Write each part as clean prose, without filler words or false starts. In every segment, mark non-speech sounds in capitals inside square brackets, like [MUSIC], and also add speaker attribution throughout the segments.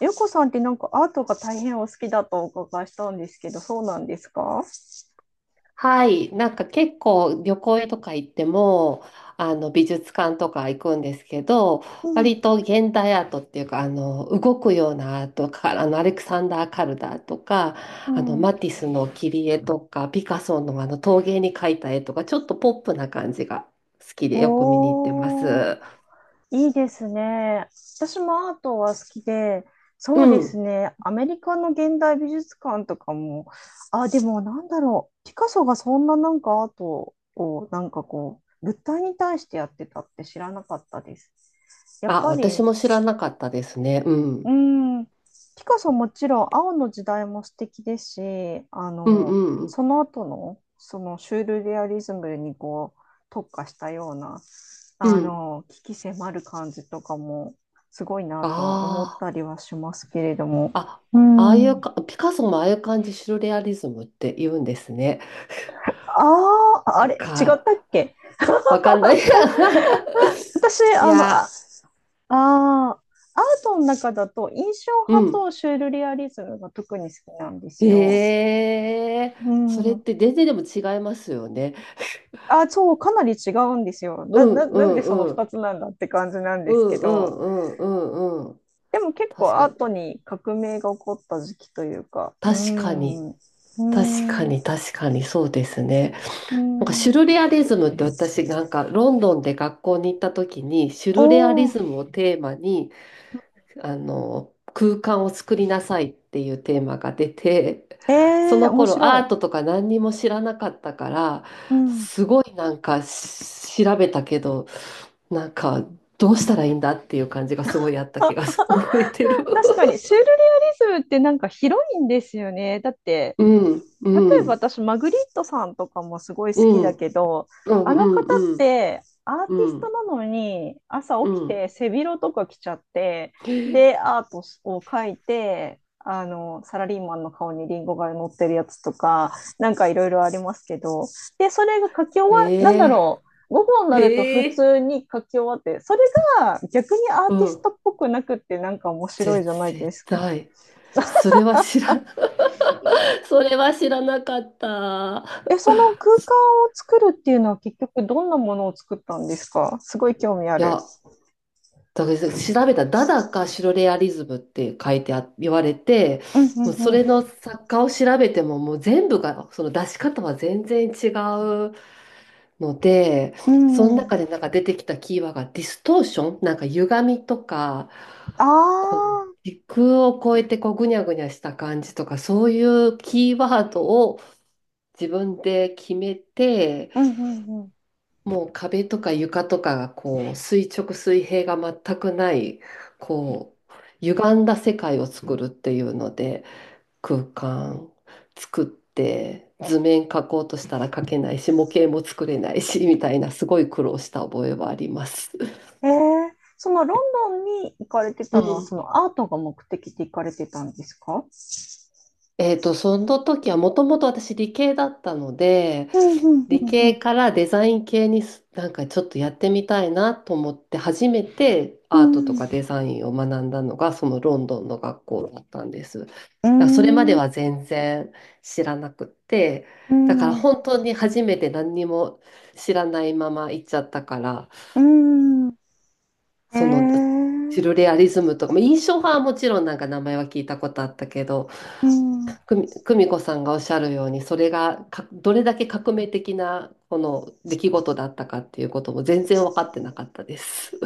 Speaker 1: よこさんってなんかアートが大変お好きだとお伺いしたんですけど、そうなんですか？
Speaker 2: はい、なんか結構旅行とか行っても、あの美術館とか行くんですけど、
Speaker 1: う
Speaker 2: 割
Speaker 1: ん
Speaker 2: と現代アートっていうか、あの動くようなアートか、あのアレクサンダー・カルダーとか、
Speaker 1: う
Speaker 2: あの
Speaker 1: ん。
Speaker 2: マティスの切り絵とか、ピカソのあの陶芸に描いた絵とか、ちょっとポップな感じが好きでよく見に行ってま
Speaker 1: おー、
Speaker 2: す。
Speaker 1: いいですね。私もアートは好きで、
Speaker 2: う
Speaker 1: そうです
Speaker 2: ん。
Speaker 1: ね。アメリカの現代美術館とかも。あ、でもなんだろう。ピカソがそんななんかアートをなんかこう、物体に対してやってたって知らなかったです。やっ
Speaker 2: あ、
Speaker 1: ぱ
Speaker 2: 私
Speaker 1: り。
Speaker 2: も知らなかったですね。う
Speaker 1: う
Speaker 2: ん。
Speaker 1: ん、ピカソもちろん青の時代も素敵ですし、
Speaker 2: うんうんうん。
Speaker 1: その後の、そのシュールレアリズムにこう特化したような、
Speaker 2: うん。
Speaker 1: 鬼気迫る感じとかもすごいなとは思っ
Speaker 2: あ
Speaker 1: た
Speaker 2: あ。
Speaker 1: りはしますけれども。
Speaker 2: あ、
Speaker 1: う
Speaker 2: ああいう
Speaker 1: ん。
Speaker 2: か、ピカソもああいう感じ、シュルレアリズムって言うんですね。
Speaker 1: あ
Speaker 2: [LAUGHS]
Speaker 1: あ、あ
Speaker 2: なん
Speaker 1: れ、違ったっ
Speaker 2: か、
Speaker 1: け？
Speaker 2: わかんない。
Speaker 1: 私、
Speaker 2: [LAUGHS] いや、
Speaker 1: あー、アートの中だと印象
Speaker 2: う
Speaker 1: 派
Speaker 2: ん。
Speaker 1: とシュールレアリズムが特に好きなんですよ。
Speaker 2: ええ、
Speaker 1: う
Speaker 2: それっ
Speaker 1: ん。
Speaker 2: て全然でも違いますよね。
Speaker 1: あ、そう、かなり違うんですよ。
Speaker 2: うんう
Speaker 1: なんでその
Speaker 2: んう
Speaker 1: 2
Speaker 2: ん。
Speaker 1: つなんだって感じなん
Speaker 2: う
Speaker 1: ですけ
Speaker 2: んう
Speaker 1: ど、
Speaker 2: んうんうんうん。
Speaker 1: でも結構
Speaker 2: 確か
Speaker 1: ア
Speaker 2: に。
Speaker 1: ートに革命が起こった時期というか。
Speaker 2: 確かに。
Speaker 1: ー
Speaker 2: 確か
Speaker 1: ん、う
Speaker 2: に、確かにそうですね。
Speaker 1: ー
Speaker 2: なんかシュ
Speaker 1: ん。
Speaker 2: ルレアリズムって、私なんかロンドンで学校に行った時にシュルレアリ
Speaker 1: おー、
Speaker 2: ズムをテーマに空間を作りなさいっていうテーマが出て、[LAUGHS] そ
Speaker 1: えー、
Speaker 2: の
Speaker 1: 面
Speaker 2: 頃
Speaker 1: 白
Speaker 2: ア
Speaker 1: い。
Speaker 2: ートとか何にも知らなかったから、
Speaker 1: うん。
Speaker 2: すごいなんかし調べたけど、なんかどうしたらいいんだっていう感じがすごいあった気が覚えてる。
Speaker 1: 確か
Speaker 2: [LAUGHS]
Speaker 1: に、シュールレアリズムってなんか広いんですよね。だって、
Speaker 2: うん、
Speaker 1: 例
Speaker 2: う
Speaker 1: えば
Speaker 2: ん、
Speaker 1: 私、マグリットさんとかもすごい好
Speaker 2: う
Speaker 1: き
Speaker 2: ん、う
Speaker 1: だ
Speaker 2: ん、
Speaker 1: けど、
Speaker 2: う
Speaker 1: あの方
Speaker 2: ん、
Speaker 1: っ
Speaker 2: うん、
Speaker 1: てアーティ
Speaker 2: う
Speaker 1: スト
Speaker 2: ん。
Speaker 1: なのに朝
Speaker 2: う
Speaker 1: 起き
Speaker 2: ん、
Speaker 1: て背広とか着ちゃって、
Speaker 2: へ
Speaker 1: で、アートを描いて、サラリーマンの顔にリンゴが乗ってるやつとか、なんかいろいろありますけど、で、それが書き終わ、なんだ
Speaker 2: え、
Speaker 1: ろう、午後に
Speaker 2: へ
Speaker 1: なると普
Speaker 2: え、
Speaker 1: 通に書き終わって、それが逆にアー
Speaker 2: う
Speaker 1: ティス
Speaker 2: ん。
Speaker 1: トっぽくなくってなんか面白
Speaker 2: ぜ
Speaker 1: いじゃないで
Speaker 2: 絶
Speaker 1: すか。
Speaker 2: 対。それは知ら、[LAUGHS] それは知らなかった。
Speaker 1: え、その空間を作るっていうのは結局どんなものを作ったんですか？すごい興味あ
Speaker 2: い
Speaker 1: る。
Speaker 2: や、だから調べたらダダかシュロレアリズムって書いてあ、言われて、
Speaker 1: うん
Speaker 2: もうそ
Speaker 1: う
Speaker 2: れ
Speaker 1: ん
Speaker 2: の作家を調べてももう全部が、その出し方は全然違うので、
Speaker 1: う
Speaker 2: その
Speaker 1: ん。うん。
Speaker 2: 中でなんか出てきたキーワードがディストーション、なんか歪みとか、
Speaker 1: あ
Speaker 2: こう、
Speaker 1: あ、
Speaker 2: 時空を超えてこうぐにゃぐにゃした感じとか、そういうキーワードを自分で決めて、
Speaker 1: うんうんうん。
Speaker 2: もう壁とか床とかがこう垂直水平が全くない、こう歪んだ世界を作るっていうので、空間作って、図面描こうとしたら描けないし、模型も作れないし、みたいなすごい苦労した覚えはあります。
Speaker 1: そのロンドンに行かれて
Speaker 2: う
Speaker 1: たのはそ
Speaker 2: ん。
Speaker 1: のアートが目的で行かれてたんですか？
Speaker 2: その時はもともと私理系だったので、
Speaker 1: うんうん
Speaker 2: 理
Speaker 1: う
Speaker 2: 系
Speaker 1: ん
Speaker 2: からデザイン系になんかちょっとやってみたいなと思って初めて
Speaker 1: う
Speaker 2: アート
Speaker 1: ん。
Speaker 2: と
Speaker 1: う
Speaker 2: かデザインを学んだのがそのロンドンの学校だったんです。だか
Speaker 1: ー
Speaker 2: らそれまで
Speaker 1: ん、
Speaker 2: は全然知らなくって、
Speaker 1: う
Speaker 2: だから
Speaker 1: ん。う
Speaker 2: 本当に初めて何にも知らないまま行っちゃったから、
Speaker 1: ん。うん。
Speaker 2: その
Speaker 1: え
Speaker 2: シル
Speaker 1: え。
Speaker 2: レアリズムとか、まあ、印象派はもちろんなんか名前は聞いたことあったけど、
Speaker 1: うん。
Speaker 2: 久美子さんがおっしゃるように、それがかどれだけ革命的なこの出来事だったかっていうことも全然分かってなかったです。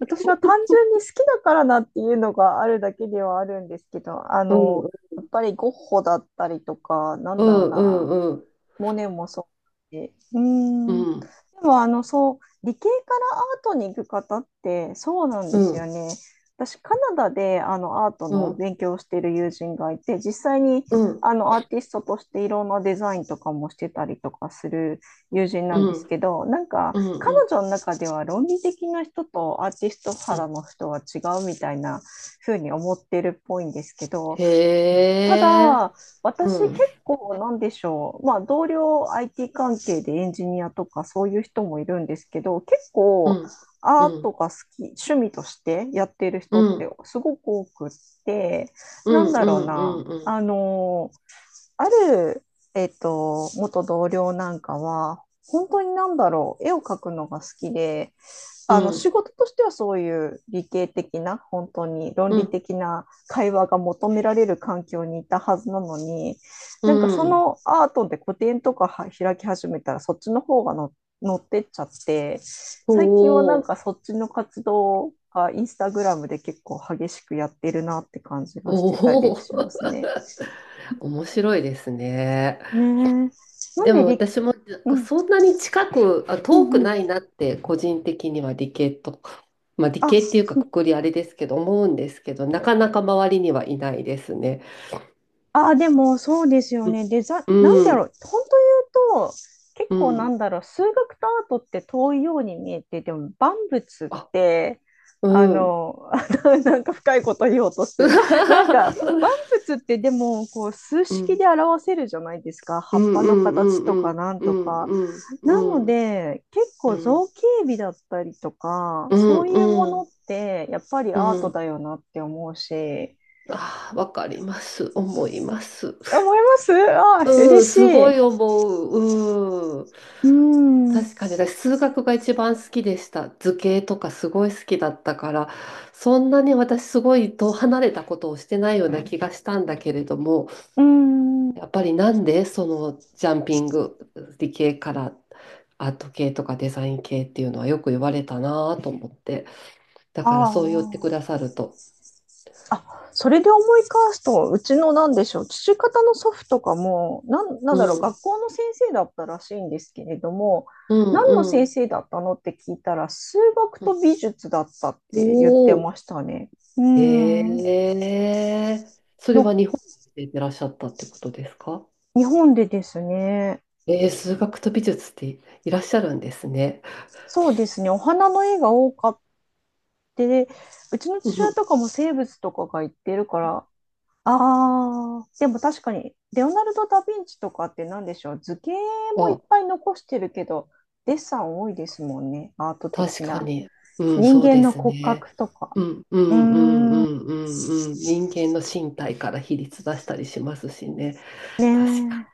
Speaker 1: 私は単純に好きだからなっていうのがあるだけではあるんですけど、
Speaker 2: [LAUGHS] うん
Speaker 1: やっぱりゴッホだったりとか、な
Speaker 2: う
Speaker 1: んだろう
Speaker 2: んう
Speaker 1: な。
Speaker 2: んうん
Speaker 1: モネもそうだし。うー
Speaker 2: う
Speaker 1: ん。で
Speaker 2: ん
Speaker 1: も、そう、理系からアートに行く方って、そうなん
Speaker 2: う
Speaker 1: ですよ
Speaker 2: ん
Speaker 1: ね。私、カナダで、アート
Speaker 2: う
Speaker 1: の
Speaker 2: ん
Speaker 1: 勉強をしている友人がいて、実際に、
Speaker 2: うん
Speaker 1: アーティストとしていろんなデザインとかもしてたりとかする友人な
Speaker 2: う
Speaker 1: んです
Speaker 2: ん
Speaker 1: けど、なんか、
Speaker 2: う
Speaker 1: 彼
Speaker 2: ん、
Speaker 1: 女の中では論理的な人とアーティスト
Speaker 2: う
Speaker 1: 肌
Speaker 2: ん、
Speaker 1: の人は違うみたいな風に思ってるっぽいんですけど、
Speaker 2: へ
Speaker 1: た
Speaker 2: え、
Speaker 1: だ、
Speaker 2: う
Speaker 1: 私結
Speaker 2: ん
Speaker 1: 構なんでしょう。まあ、同僚 IT 関係でエンジニアとかそういう人もいるんですけど、結
Speaker 2: う
Speaker 1: 構
Speaker 2: んう
Speaker 1: アート
Speaker 2: ん
Speaker 1: が好き、趣味としてやっている
Speaker 2: う
Speaker 1: 人って
Speaker 2: ん
Speaker 1: すごく多くって、
Speaker 2: う
Speaker 1: なん
Speaker 2: ん
Speaker 1: だ
Speaker 2: う
Speaker 1: ろう
Speaker 2: んう
Speaker 1: な。
Speaker 2: んうん
Speaker 1: ある、元同僚なんかは、本当になんだろう、絵を描くのが好きで、あの仕事としてはそういう理系的な本当に論
Speaker 2: う
Speaker 1: 理
Speaker 2: ん
Speaker 1: 的な会話が求められる環境にいたはずなのに、
Speaker 2: う
Speaker 1: なんかそ
Speaker 2: ん、
Speaker 1: のアートで個展とかは開き始めたらそっちの方がの乗ってっちゃって、
Speaker 2: お
Speaker 1: 最近はなん
Speaker 2: お、
Speaker 1: かそっちの活動がインスタグラムで結構激しくやってるなって感じ
Speaker 2: お
Speaker 1: がしてたりし
Speaker 2: お、
Speaker 1: ますね。
Speaker 2: 面白いですね。
Speaker 1: ねえ、なん
Speaker 2: で
Speaker 1: で
Speaker 2: も
Speaker 1: 理、
Speaker 2: 私も、
Speaker 1: うん、
Speaker 2: そんなに近く、あ、
Speaker 1: う
Speaker 2: 遠く
Speaker 1: んうん、
Speaker 2: ないなって個人的には理系と、まあ理
Speaker 1: あ、
Speaker 2: 系って
Speaker 1: す
Speaker 2: いうかくくりあれですけど思うんですけど、なかなか周りにはいないですね。
Speaker 1: ああ、でもそうですよね。
Speaker 2: う
Speaker 1: なん
Speaker 2: ん、う
Speaker 1: だろう、
Speaker 2: ん、
Speaker 1: 本当言うと、結
Speaker 2: う
Speaker 1: 構な
Speaker 2: ん、
Speaker 1: んだろう、数学とアートって遠いように見えて、でも万物っ
Speaker 2: あ、
Speaker 1: て、
Speaker 2: う
Speaker 1: あ
Speaker 2: ん。
Speaker 1: の、[LAUGHS] なんか深いこと言おうとしてる。なんか万
Speaker 2: [LAUGHS]
Speaker 1: 物ってでもこう数
Speaker 2: う
Speaker 1: 式
Speaker 2: ん、
Speaker 1: で表せるじゃないですか。葉
Speaker 2: う
Speaker 1: っ
Speaker 2: ん、
Speaker 1: ぱ
Speaker 2: う
Speaker 1: の
Speaker 2: ん、う
Speaker 1: 形とか
Speaker 2: ん、
Speaker 1: なん
Speaker 2: うん、う
Speaker 1: と
Speaker 2: ん、
Speaker 1: か。
Speaker 2: うん、う
Speaker 1: なの
Speaker 2: ん、
Speaker 1: で、結
Speaker 2: う
Speaker 1: 構造
Speaker 2: ん、
Speaker 1: 形美だったりとか、
Speaker 2: う
Speaker 1: そういうも
Speaker 2: ん、
Speaker 1: の
Speaker 2: う
Speaker 1: っ
Speaker 2: ん、
Speaker 1: てやっぱり
Speaker 2: う
Speaker 1: アート
Speaker 2: ん、
Speaker 1: だよなって思うし、
Speaker 2: ああ、わかります。思います。
Speaker 1: 思います。ああ、嬉
Speaker 2: うん、
Speaker 1: し
Speaker 2: すごい
Speaker 1: い。
Speaker 2: 思う。うん。
Speaker 1: うーん、う
Speaker 2: 確かに、私、数学が一番好きでした。図形とかすごい好きだったから、そんなに私、すごい遠離れたことをしてないような気がしたんだけれども、
Speaker 1: ーん、
Speaker 2: やっぱりなんでそのジャンピング、理系からアート系とかデザイン系っていうのはよく言われたなと思って、だ
Speaker 1: あ
Speaker 2: から
Speaker 1: あ、
Speaker 2: そう言ってくださると。
Speaker 1: あ、それで思い返すと、うちのなんでしょう、父方の祖父とかも、なん、な
Speaker 2: う
Speaker 1: んだろう、
Speaker 2: ん、
Speaker 1: 学校の先生だったらしいんですけれども、
Speaker 2: う
Speaker 1: 何の
Speaker 2: ん、う
Speaker 1: 先
Speaker 2: ん。
Speaker 1: 生だったのって聞いたら、数学
Speaker 2: う
Speaker 1: と
Speaker 2: ん、
Speaker 1: 美術だったって言って
Speaker 2: お、
Speaker 1: ましたね。うー
Speaker 2: え
Speaker 1: ん、
Speaker 2: え、それは
Speaker 1: の、
Speaker 2: 日本でいらっしゃったってことですか？
Speaker 1: 日本でですね、
Speaker 2: えー、数学と美術っていらっしゃるんですね。
Speaker 1: そうですね、お花の絵が多かって、うちの
Speaker 2: うん
Speaker 1: 父
Speaker 2: う
Speaker 1: 親
Speaker 2: ん。
Speaker 1: とかも生物とかが言ってるから、ああ、でも確かに、レオナルド・ダ・ヴィンチとかって何でしょう、図形もいっ
Speaker 2: あ、
Speaker 1: ぱい残してるけど、デッサン多いですもんね、アート
Speaker 2: 確
Speaker 1: 的
Speaker 2: か
Speaker 1: な。
Speaker 2: に。うん、
Speaker 1: 人
Speaker 2: そう
Speaker 1: 間
Speaker 2: で
Speaker 1: の
Speaker 2: す
Speaker 1: 骨
Speaker 2: ね。
Speaker 1: 格とか。
Speaker 2: うん、う
Speaker 1: うー
Speaker 2: ん、うん、う
Speaker 1: ん、
Speaker 2: ん、うん、うん。人間の身体から比率出したりしますしね。確
Speaker 1: ね
Speaker 2: か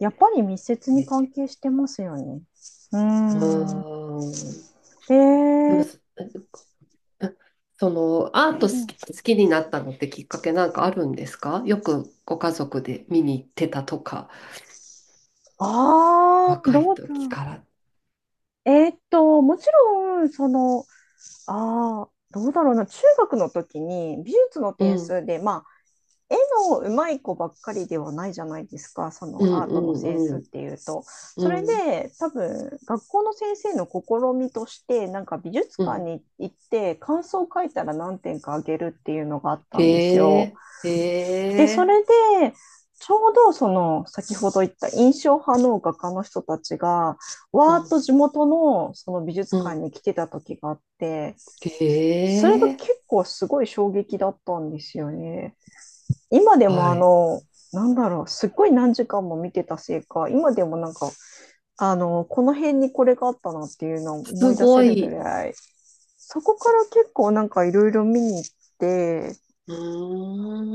Speaker 1: え、やっぱり密接に
Speaker 2: に。
Speaker 1: 関係してますよね。うーん、
Speaker 2: うん。
Speaker 1: え
Speaker 2: でも、
Speaker 1: ー、
Speaker 2: その、アート好き、好きになったのってきっかけなんかあるんですか？よくご家族で見に行ってたとか。
Speaker 1: ああ、
Speaker 2: 若い
Speaker 1: どうだ
Speaker 2: 時
Speaker 1: ろ
Speaker 2: から。
Speaker 1: う。もちろん、ああ、どうだろうな、中学の時に美術の
Speaker 2: う
Speaker 1: 点
Speaker 2: ん、
Speaker 1: 数で、絵の上手い子ばっかりではないじゃないですか、そ
Speaker 2: う
Speaker 1: の
Speaker 2: ん、
Speaker 1: アートのセンスっ
Speaker 2: うん、
Speaker 1: ていうと。そ
Speaker 2: う
Speaker 1: れ
Speaker 2: ん、
Speaker 1: で多分学校の先生の試みとしてなんか美術
Speaker 2: う
Speaker 1: 館
Speaker 2: ん。
Speaker 1: に行って感想を書いたら何点かあげるっていうのがあった
Speaker 2: へ
Speaker 1: んですよ。
Speaker 2: え、へ
Speaker 1: で、そ
Speaker 2: え、
Speaker 1: れでちょうどその先ほど言った印象派の画家の人たちが
Speaker 2: う
Speaker 1: わーっ
Speaker 2: ん、
Speaker 1: と地元のその美術
Speaker 2: う
Speaker 1: 館
Speaker 2: ん。
Speaker 1: に来てた時があって、
Speaker 2: へ
Speaker 1: それが
Speaker 2: え、
Speaker 1: 結構すごい衝撃だったんですよね。今でも
Speaker 2: はい。
Speaker 1: なんだろう、すっごい何時間も見てたせいか、今でもなんか、この辺にこれがあったなっていうのを思
Speaker 2: す
Speaker 1: い出せ
Speaker 2: ご
Speaker 1: るぐ
Speaker 2: い。
Speaker 1: らい、そこから結構なんかいろいろ見に行って、
Speaker 2: う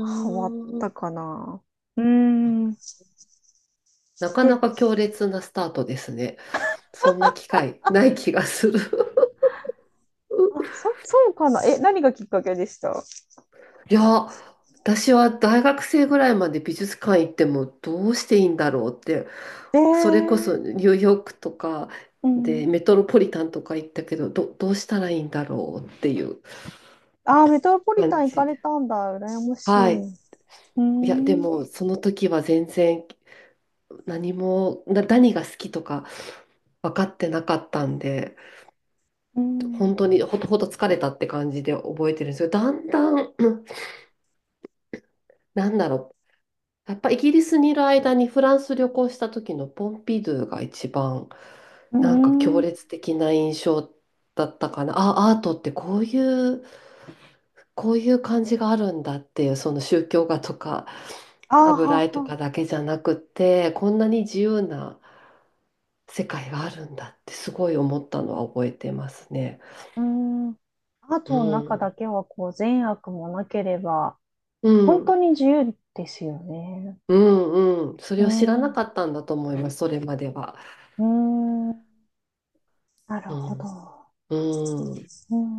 Speaker 1: ハマった
Speaker 2: ん。
Speaker 1: かな。うーん。
Speaker 2: なかな
Speaker 1: で、
Speaker 2: か強烈なスタートですね。そんな機会ない気がする。
Speaker 1: あ、
Speaker 2: [LAUGHS]
Speaker 1: そうかな。え、何がきっかけでした？
Speaker 2: いや、私は大学生ぐらいまで美術館行ってもどうしていいんだろうって、
Speaker 1: え
Speaker 2: それこそ
Speaker 1: ー、
Speaker 2: ニューヨークとか
Speaker 1: うん。
Speaker 2: でメトロポリタンとか行ったけど、どうしたらいいんだろうっていう
Speaker 1: あー、メトロポリタ
Speaker 2: 感
Speaker 1: ン行か
Speaker 2: じで。
Speaker 1: れたんだ。羨まし
Speaker 2: は
Speaker 1: い。
Speaker 2: い。
Speaker 1: うー
Speaker 2: いや、で
Speaker 1: ん。
Speaker 2: もその時は全然何も、何が好きとか分かってなかったんで、
Speaker 1: うん。
Speaker 2: 本
Speaker 1: う
Speaker 2: 当にほとほと疲れたって感じで覚えてるんですよ。だんだん、うん、なんだろう。やっぱイギリスにいる間にフランス旅行した時のポンピドゥが一番
Speaker 1: ー
Speaker 2: なんか
Speaker 1: ん。
Speaker 2: 強
Speaker 1: あ
Speaker 2: 烈的な印象だったかな。あ、アートってこういう、こういう感じがあるんだっていう、その宗教画とか
Speaker 1: ーは
Speaker 2: 油絵と
Speaker 1: は。
Speaker 2: かだけじゃなくて、こんなに自由な世界があるんだってすごい思ったのは覚えてますね。
Speaker 1: うーん、アー
Speaker 2: う
Speaker 1: トの中だ
Speaker 2: ん。
Speaker 1: けはこう善悪もなければ、
Speaker 2: う
Speaker 1: 本
Speaker 2: ん。
Speaker 1: 当に自由ですよね。
Speaker 2: うんうん。そ
Speaker 1: う
Speaker 2: れ
Speaker 1: ー
Speaker 2: を知ら
Speaker 1: ん、
Speaker 2: な
Speaker 1: う
Speaker 2: かったんだと思います、それまでは。
Speaker 1: ーん、なる
Speaker 2: う
Speaker 1: ほど。
Speaker 2: ん。うん。
Speaker 1: うーん